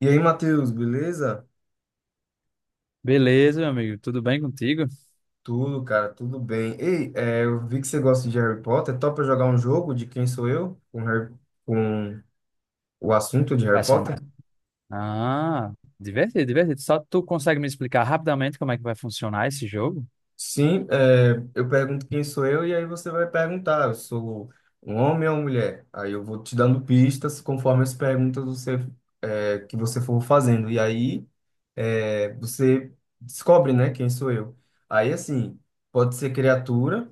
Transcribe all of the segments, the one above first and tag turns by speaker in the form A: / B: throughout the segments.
A: E aí, Matheus, beleza?
B: Beleza, meu amigo. Tudo bem contigo?
A: Tudo, cara, tudo bem. Ei, eu vi que você gosta de Harry Potter. Topa jogar um jogo de Quem Sou Eu com, Harry, com o assunto de Harry
B: Vai só...
A: Potter?
B: Ah, divertido, divertido. Só tu consegue me explicar rapidamente como é que vai funcionar esse jogo?
A: Sim, eu pergunto quem sou eu e aí você vai perguntar, eu sou um homem ou uma mulher? Aí eu vou te dando pistas conforme as perguntas você, que você for fazendo. E aí você descobre, né, quem sou eu. Aí, assim, pode ser criatura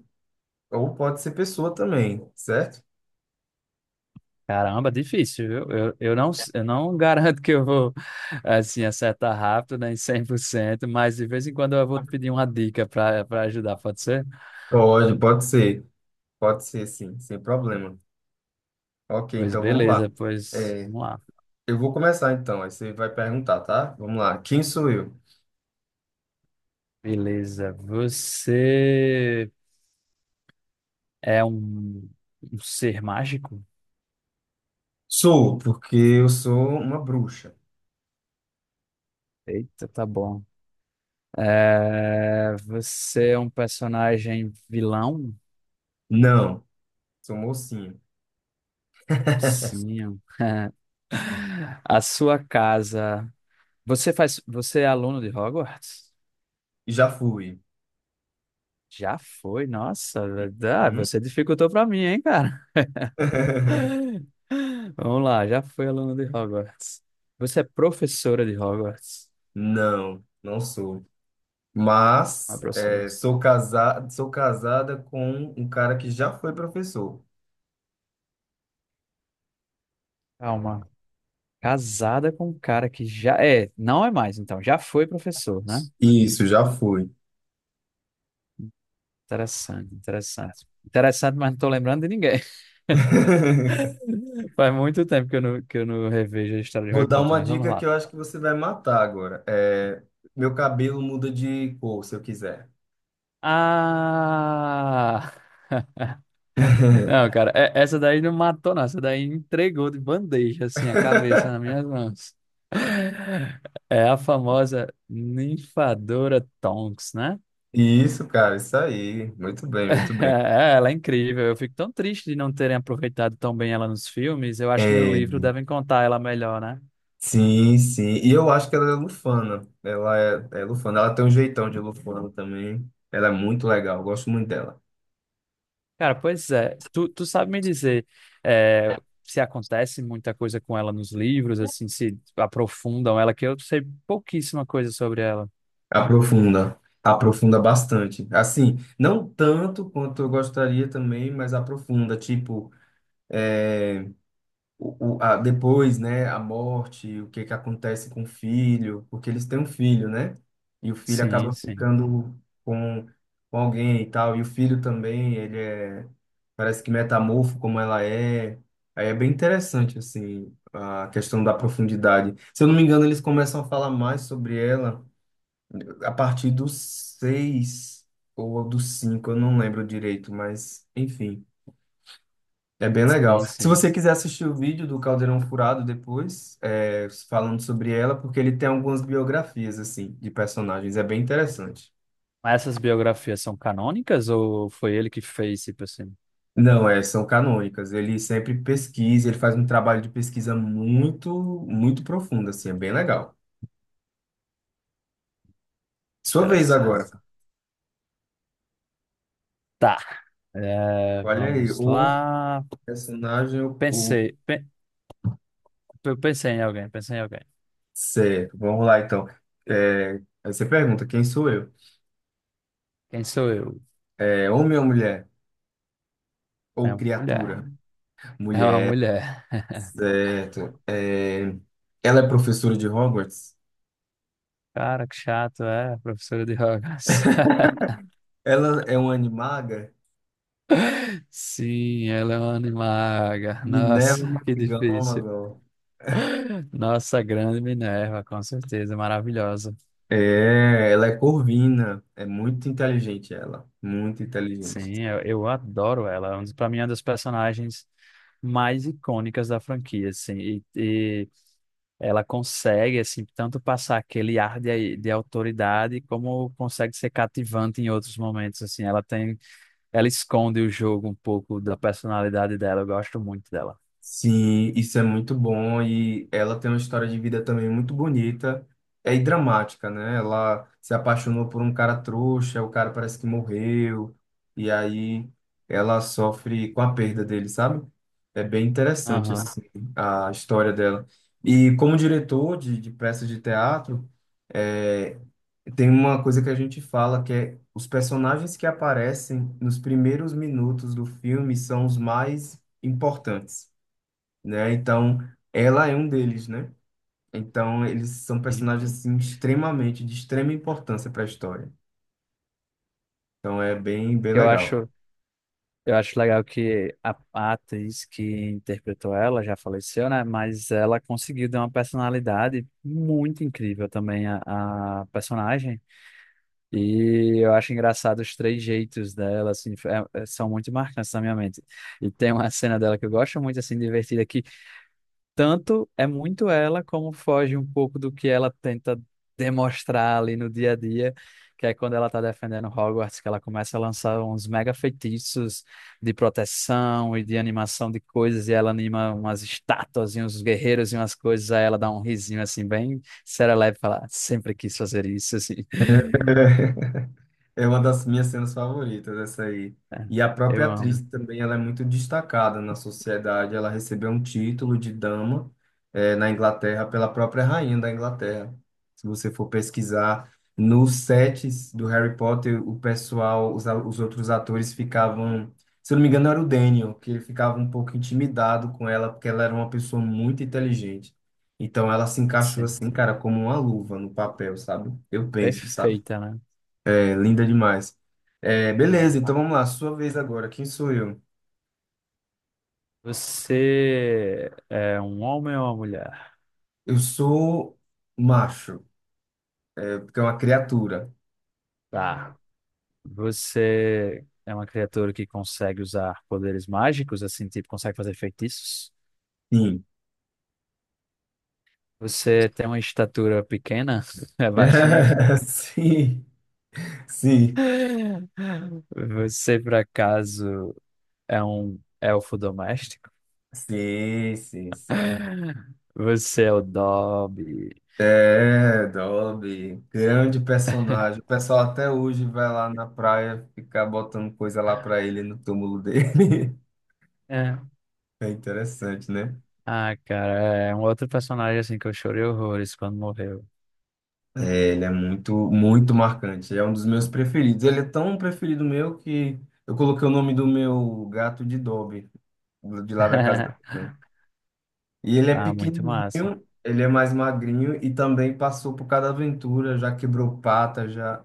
A: ou pode ser pessoa também, certo?
B: Caramba, difícil, viu? Eu não garanto que eu vou, assim, acertar rápido, nem 100%. Mas de vez em quando eu vou te pedir uma dica para ajudar, pode ser?
A: Pode ser. Pode ser, sim, sem problema. Ok,
B: Pois
A: então vamos lá.
B: beleza, pois
A: É,
B: vamos lá.
A: eu vou começar então, aí você vai perguntar, tá? Vamos lá. Quem sou eu?
B: Beleza. Você é um ser mágico?
A: Sou, porque eu sou uma bruxa.
B: Eita, tá bom. É, você é um personagem vilão?
A: Não, sou mocinho.
B: Sim. A sua casa. Você é aluno de Hogwarts?
A: Já fui.
B: Já foi, nossa, verdade.
A: Hum?
B: Você dificultou pra mim, hein, cara? Vamos lá, já foi aluno de Hogwarts. Você é professora de Hogwarts?
A: Não, não sou.
B: Ah,
A: Mas
B: professora.
A: sou casado, sou casada com um cara que já foi professor.
B: Calma. Casada com um cara que já é, não é mais, então, já foi professor, né?
A: Isso, já fui.
B: Interessante, interessante. Interessante, mas não tô lembrando de ninguém. Faz muito tempo que eu não revejo a história de
A: Vou
B: Harry
A: dar
B: Potter,
A: uma
B: mas vamos
A: dica que
B: lá.
A: eu acho que você vai matar agora. Meu cabelo muda de cor, se eu quiser.
B: Ah! Não, cara, essa daí não matou, não. Essa daí entregou de bandeja, assim, a cabeça nas minhas mãos. É a famosa ninfadora Tonks, né?
A: Isso, cara, isso aí. Muito bem, muito bem.
B: É, ela é incrível. Eu fico tão triste de não terem aproveitado tão bem ela nos filmes. Eu acho que no
A: É,
B: livro devem contar ela melhor, né?
A: sim, sim. E eu acho que ela é lufana. Ela é, é lufana. Ela tem um jeitão de lufana também. Ela é muito legal. Eu gosto muito dela.
B: Cara, pois é. Tu sabe me dizer é, se acontece muita coisa com ela nos livros, assim, se aprofundam ela, que eu sei pouquíssima coisa sobre ela.
A: Aprofunda. Aprofunda bastante. Assim, não tanto quanto eu gostaria também, mas aprofunda. Tipo, é, depois, né, a morte, o que que acontece com o filho, porque eles têm um filho, né? E o filho
B: Sim,
A: acaba
B: sim.
A: ficando com, com alguém e tal, e o filho também, parece que metamorfo como ela é. Aí é bem interessante, assim, a questão da profundidade. Se eu não me engano, eles começam a falar mais sobre ela a partir dos seis ou dos cinco, eu não lembro direito, mas enfim. É bem legal.
B: Sim,
A: Se
B: sim.
A: você quiser assistir o vídeo do Caldeirão Furado depois, falando sobre ela, porque ele tem algumas biografias, assim, de personagens, é bem interessante.
B: Mas essas biografias são canônicas ou foi ele que fez, tipo assim?
A: Não, é, são canônicas. Ele sempre pesquisa, ele faz um trabalho de pesquisa muito, muito profundo, assim, é bem legal. Sua vez agora.
B: Interessante. Tá. É,
A: Olha aí,
B: vamos
A: o
B: lá.
A: personagem, o-
B: Pensei. pe- eu pensei em alguém, pensei em alguém.
A: Certo, vamos lá então. É, aí você pergunta, quem sou eu?
B: Quem sou eu?
A: É, homem ou mulher?
B: É
A: Ou
B: uma mulher.
A: criatura?
B: É uma
A: Mulher.
B: mulher.
A: Certo. Ela é professora de Hogwarts?
B: Cara, que chato, é, professora de Hogwarts.
A: Ela é uma animaga?
B: Sim, ela é uma animaga. Nossa,
A: Minerva
B: que difícil.
A: McGonagall.
B: Nossa, grande Minerva, com certeza, maravilhosa.
A: É, ela é corvina. É muito inteligente ela. Muito inteligente.
B: Sim, eu adoro ela. Para mim, é uma das personagens mais icônicas da franquia, assim. E ela consegue, assim, tanto passar aquele ar de autoridade, como consegue ser cativante em outros momentos, assim. Ela tem. Ela esconde o jogo um pouco da personalidade dela. Eu gosto muito dela.
A: Sim, isso é muito bom e ela tem uma história de vida também muito bonita, e dramática, né? Ela se apaixonou por um cara trouxa, o cara parece que morreu, e aí ela sofre com a perda dele, sabe? É bem interessante,
B: Aham.
A: assim, a história dela. E como diretor de peças de teatro, é, tem uma coisa que a gente fala que é os personagens que aparecem nos primeiros minutos do filme são os mais importantes, né? Então, ela é um deles, né? Então, eles são
B: Sim.
A: personagens assim extremamente de extrema importância para a história. Então, é bem bem
B: Eu
A: legal.
B: acho, eu acho legal que a atriz que interpretou ela já faleceu, né? Mas ela conseguiu dar uma personalidade muito incrível também à à personagem. E eu acho engraçado os três jeitos dela, assim, são muito marcantes na minha mente. E tem uma cena dela que eu gosto muito, assim, divertida, que tanto é muito ela, como foge um pouco do que ela tenta demonstrar ali no dia a dia, que é quando ela tá defendendo Hogwarts, que ela começa a lançar uns mega feitiços de proteção e de animação de coisas, e ela anima umas estátuas e uns guerreiros e umas coisas, aí ela dá um risinho, assim, bem serelepe, e fala, "Ah, sempre quis fazer isso, assim."
A: É uma das minhas cenas favoritas, essa aí.
B: É,
A: E a própria
B: eu
A: atriz
B: amo.
A: também, ela é muito destacada na sociedade. Ela recebeu um título de dama, na Inglaterra pela própria rainha da Inglaterra. Se você for pesquisar nos sets do Harry Potter, o pessoal, os outros atores ficavam, se eu não me engano, era o Daniel, que ele ficava um pouco intimidado com ela, porque ela era uma pessoa muito inteligente. Então ela se encaixou
B: Sim.
A: assim, cara, como uma luva no papel, sabe? Eu penso, sabe?
B: Perfeita, né?
A: É linda demais. É,
B: É.
A: beleza, então vamos lá, sua vez agora. Quem sou eu?
B: Você é um homem ou uma mulher?
A: Eu sou macho, porque é uma criatura.
B: Tá. Você é uma criatura que consegue usar poderes mágicos, assim, tipo, consegue fazer feitiços?
A: Sim.
B: Você tem uma estatura pequena? É baixinho?
A: Sim,
B: Você, por acaso, é um elfo doméstico?
A: sim.
B: Você é o Dobby?
A: É, Dobby, grande personagem. O pessoal até hoje vai lá na praia ficar botando coisa lá pra ele no túmulo dele.
B: É.
A: É interessante, né?
B: Ah, cara, é um outro personagem assim que eu chorei horrores quando morreu.
A: É, ele é muito, muito marcante. Ele é um dos meus preferidos. Ele é tão preferido meu que eu coloquei o nome do meu gato de Dobby, de lá da casa da minha mãe. E ele é
B: Ah, muito
A: pequenininho,
B: massa.
A: ele é mais magrinho e também passou por cada aventura, já quebrou pata, já...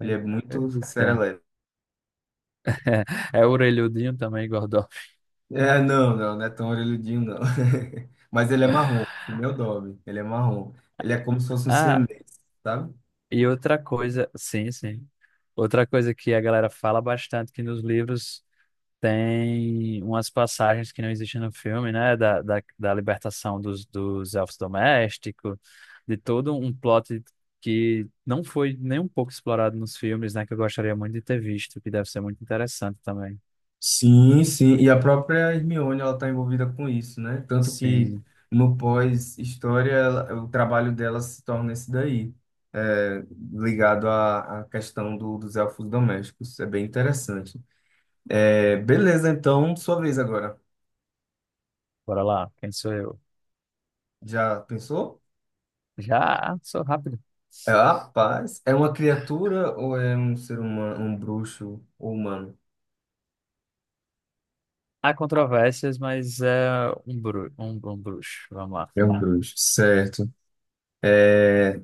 A: Ele é muito
B: Eita.
A: serelepe.
B: É orelhudinho também, gordão.
A: É, não, não, não é tão orelhudinho, não. Mas ele é marrom, meu Dobby, ele é marrom. Ele é como se fosse um
B: Ah,
A: siamês, sabe?
B: e outra coisa, sim, sim. Outra coisa que a galera fala bastante que nos livros tem umas passagens que não existem no filme, né? Da libertação dos, dos elfos domésticos, de todo um plot que não foi nem um pouco explorado nos filmes, né? Que eu gostaria muito de ter visto, que deve ser muito interessante também.
A: Sim, sim, e a própria Hermione ela está envolvida com isso, né? Tanto que
B: Sim,
A: no pós-história ela- o trabalho dela se torna esse daí, é, ligado à, à questão do- dos elfos domésticos. É bem interessante. É, beleza, então, sua vez agora.
B: bora lá, quem sou eu?
A: Já pensou?
B: Já sou rápido.
A: É, rapaz, é uma criatura ou é um ser humano, um bruxo ou humano?
B: Há controvérsias, mas é um bruxo. Vamos lá.
A: É um bruxo. Certo. É,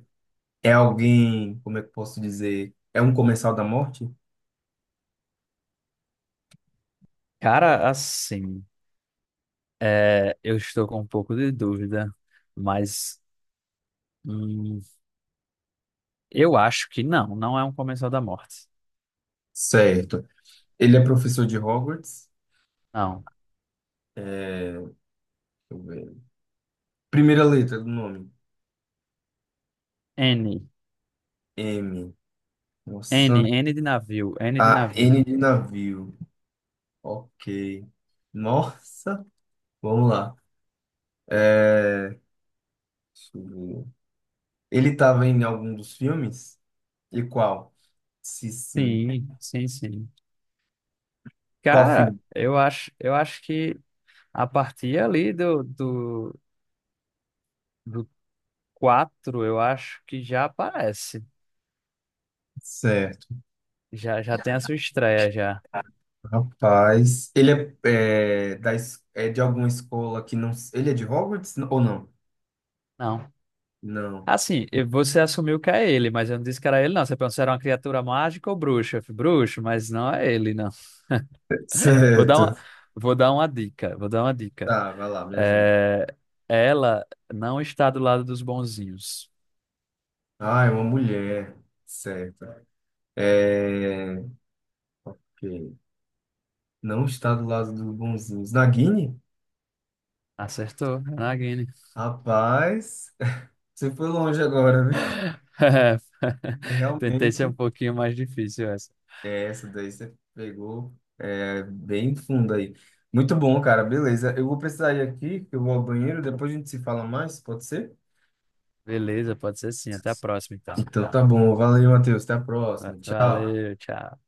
A: é alguém, como é que eu posso dizer? É um comensal da morte?
B: Cara, assim, eu estou com um pouco de dúvida, mas. hum, Eu acho que não, não é um comensal da morte.
A: Certo. Ele é professor de Hogwarts.
B: Não.
A: É, deixa eu ver. Primeira letra do nome.
B: N.
A: M.
B: N
A: Nossa.
B: N de navio, N de
A: A
B: navio.
A: N de navio. Ok. Nossa. Vamos lá. Deixa eu ver. Ele estava em algum dos filmes? E qual? Se sim.
B: Sim, sim, sim.
A: Qual
B: Cara,
A: filme?
B: eu acho que a partir ali do 4, eu acho que já aparece.
A: Certo.
B: Já, já tem a sua estreia, já.
A: Rapaz. Ele é, é, da, es- é de alguma escola que não. Ele é de Hogwarts ou não?
B: Não.
A: Não.
B: Assim, e você assumiu que é ele, mas eu não disse que era ele, não. Você pensou que era uma criatura mágica ou bruxa? Eu falei, bruxo, mas não é ele, não. Vou dar uma,
A: Certo.
B: vou dar uma dica, vou dar uma dica.
A: Tá, vai lá, me ajuda.
B: É, ela não está do lado dos bonzinhos.
A: Ah, é uma mulher. Certo. É, que não está do lado dos bonzinhos. Na
B: Acertou, Nagini.
A: Rapaz, você foi longe agora, viu? E
B: Tentei ser um
A: realmente,
B: pouquinho mais difícil essa.
A: essa daí você pegou é, bem fundo aí. Muito bom, cara, beleza. Eu vou precisar ir aqui, que eu vou ao banheiro, depois a gente se fala mais, pode ser?
B: Beleza, pode ser sim. Até a próxima, então.
A: Então tá bom, valeu, Matheus, até a próxima, tchau.
B: Valeu, tchau.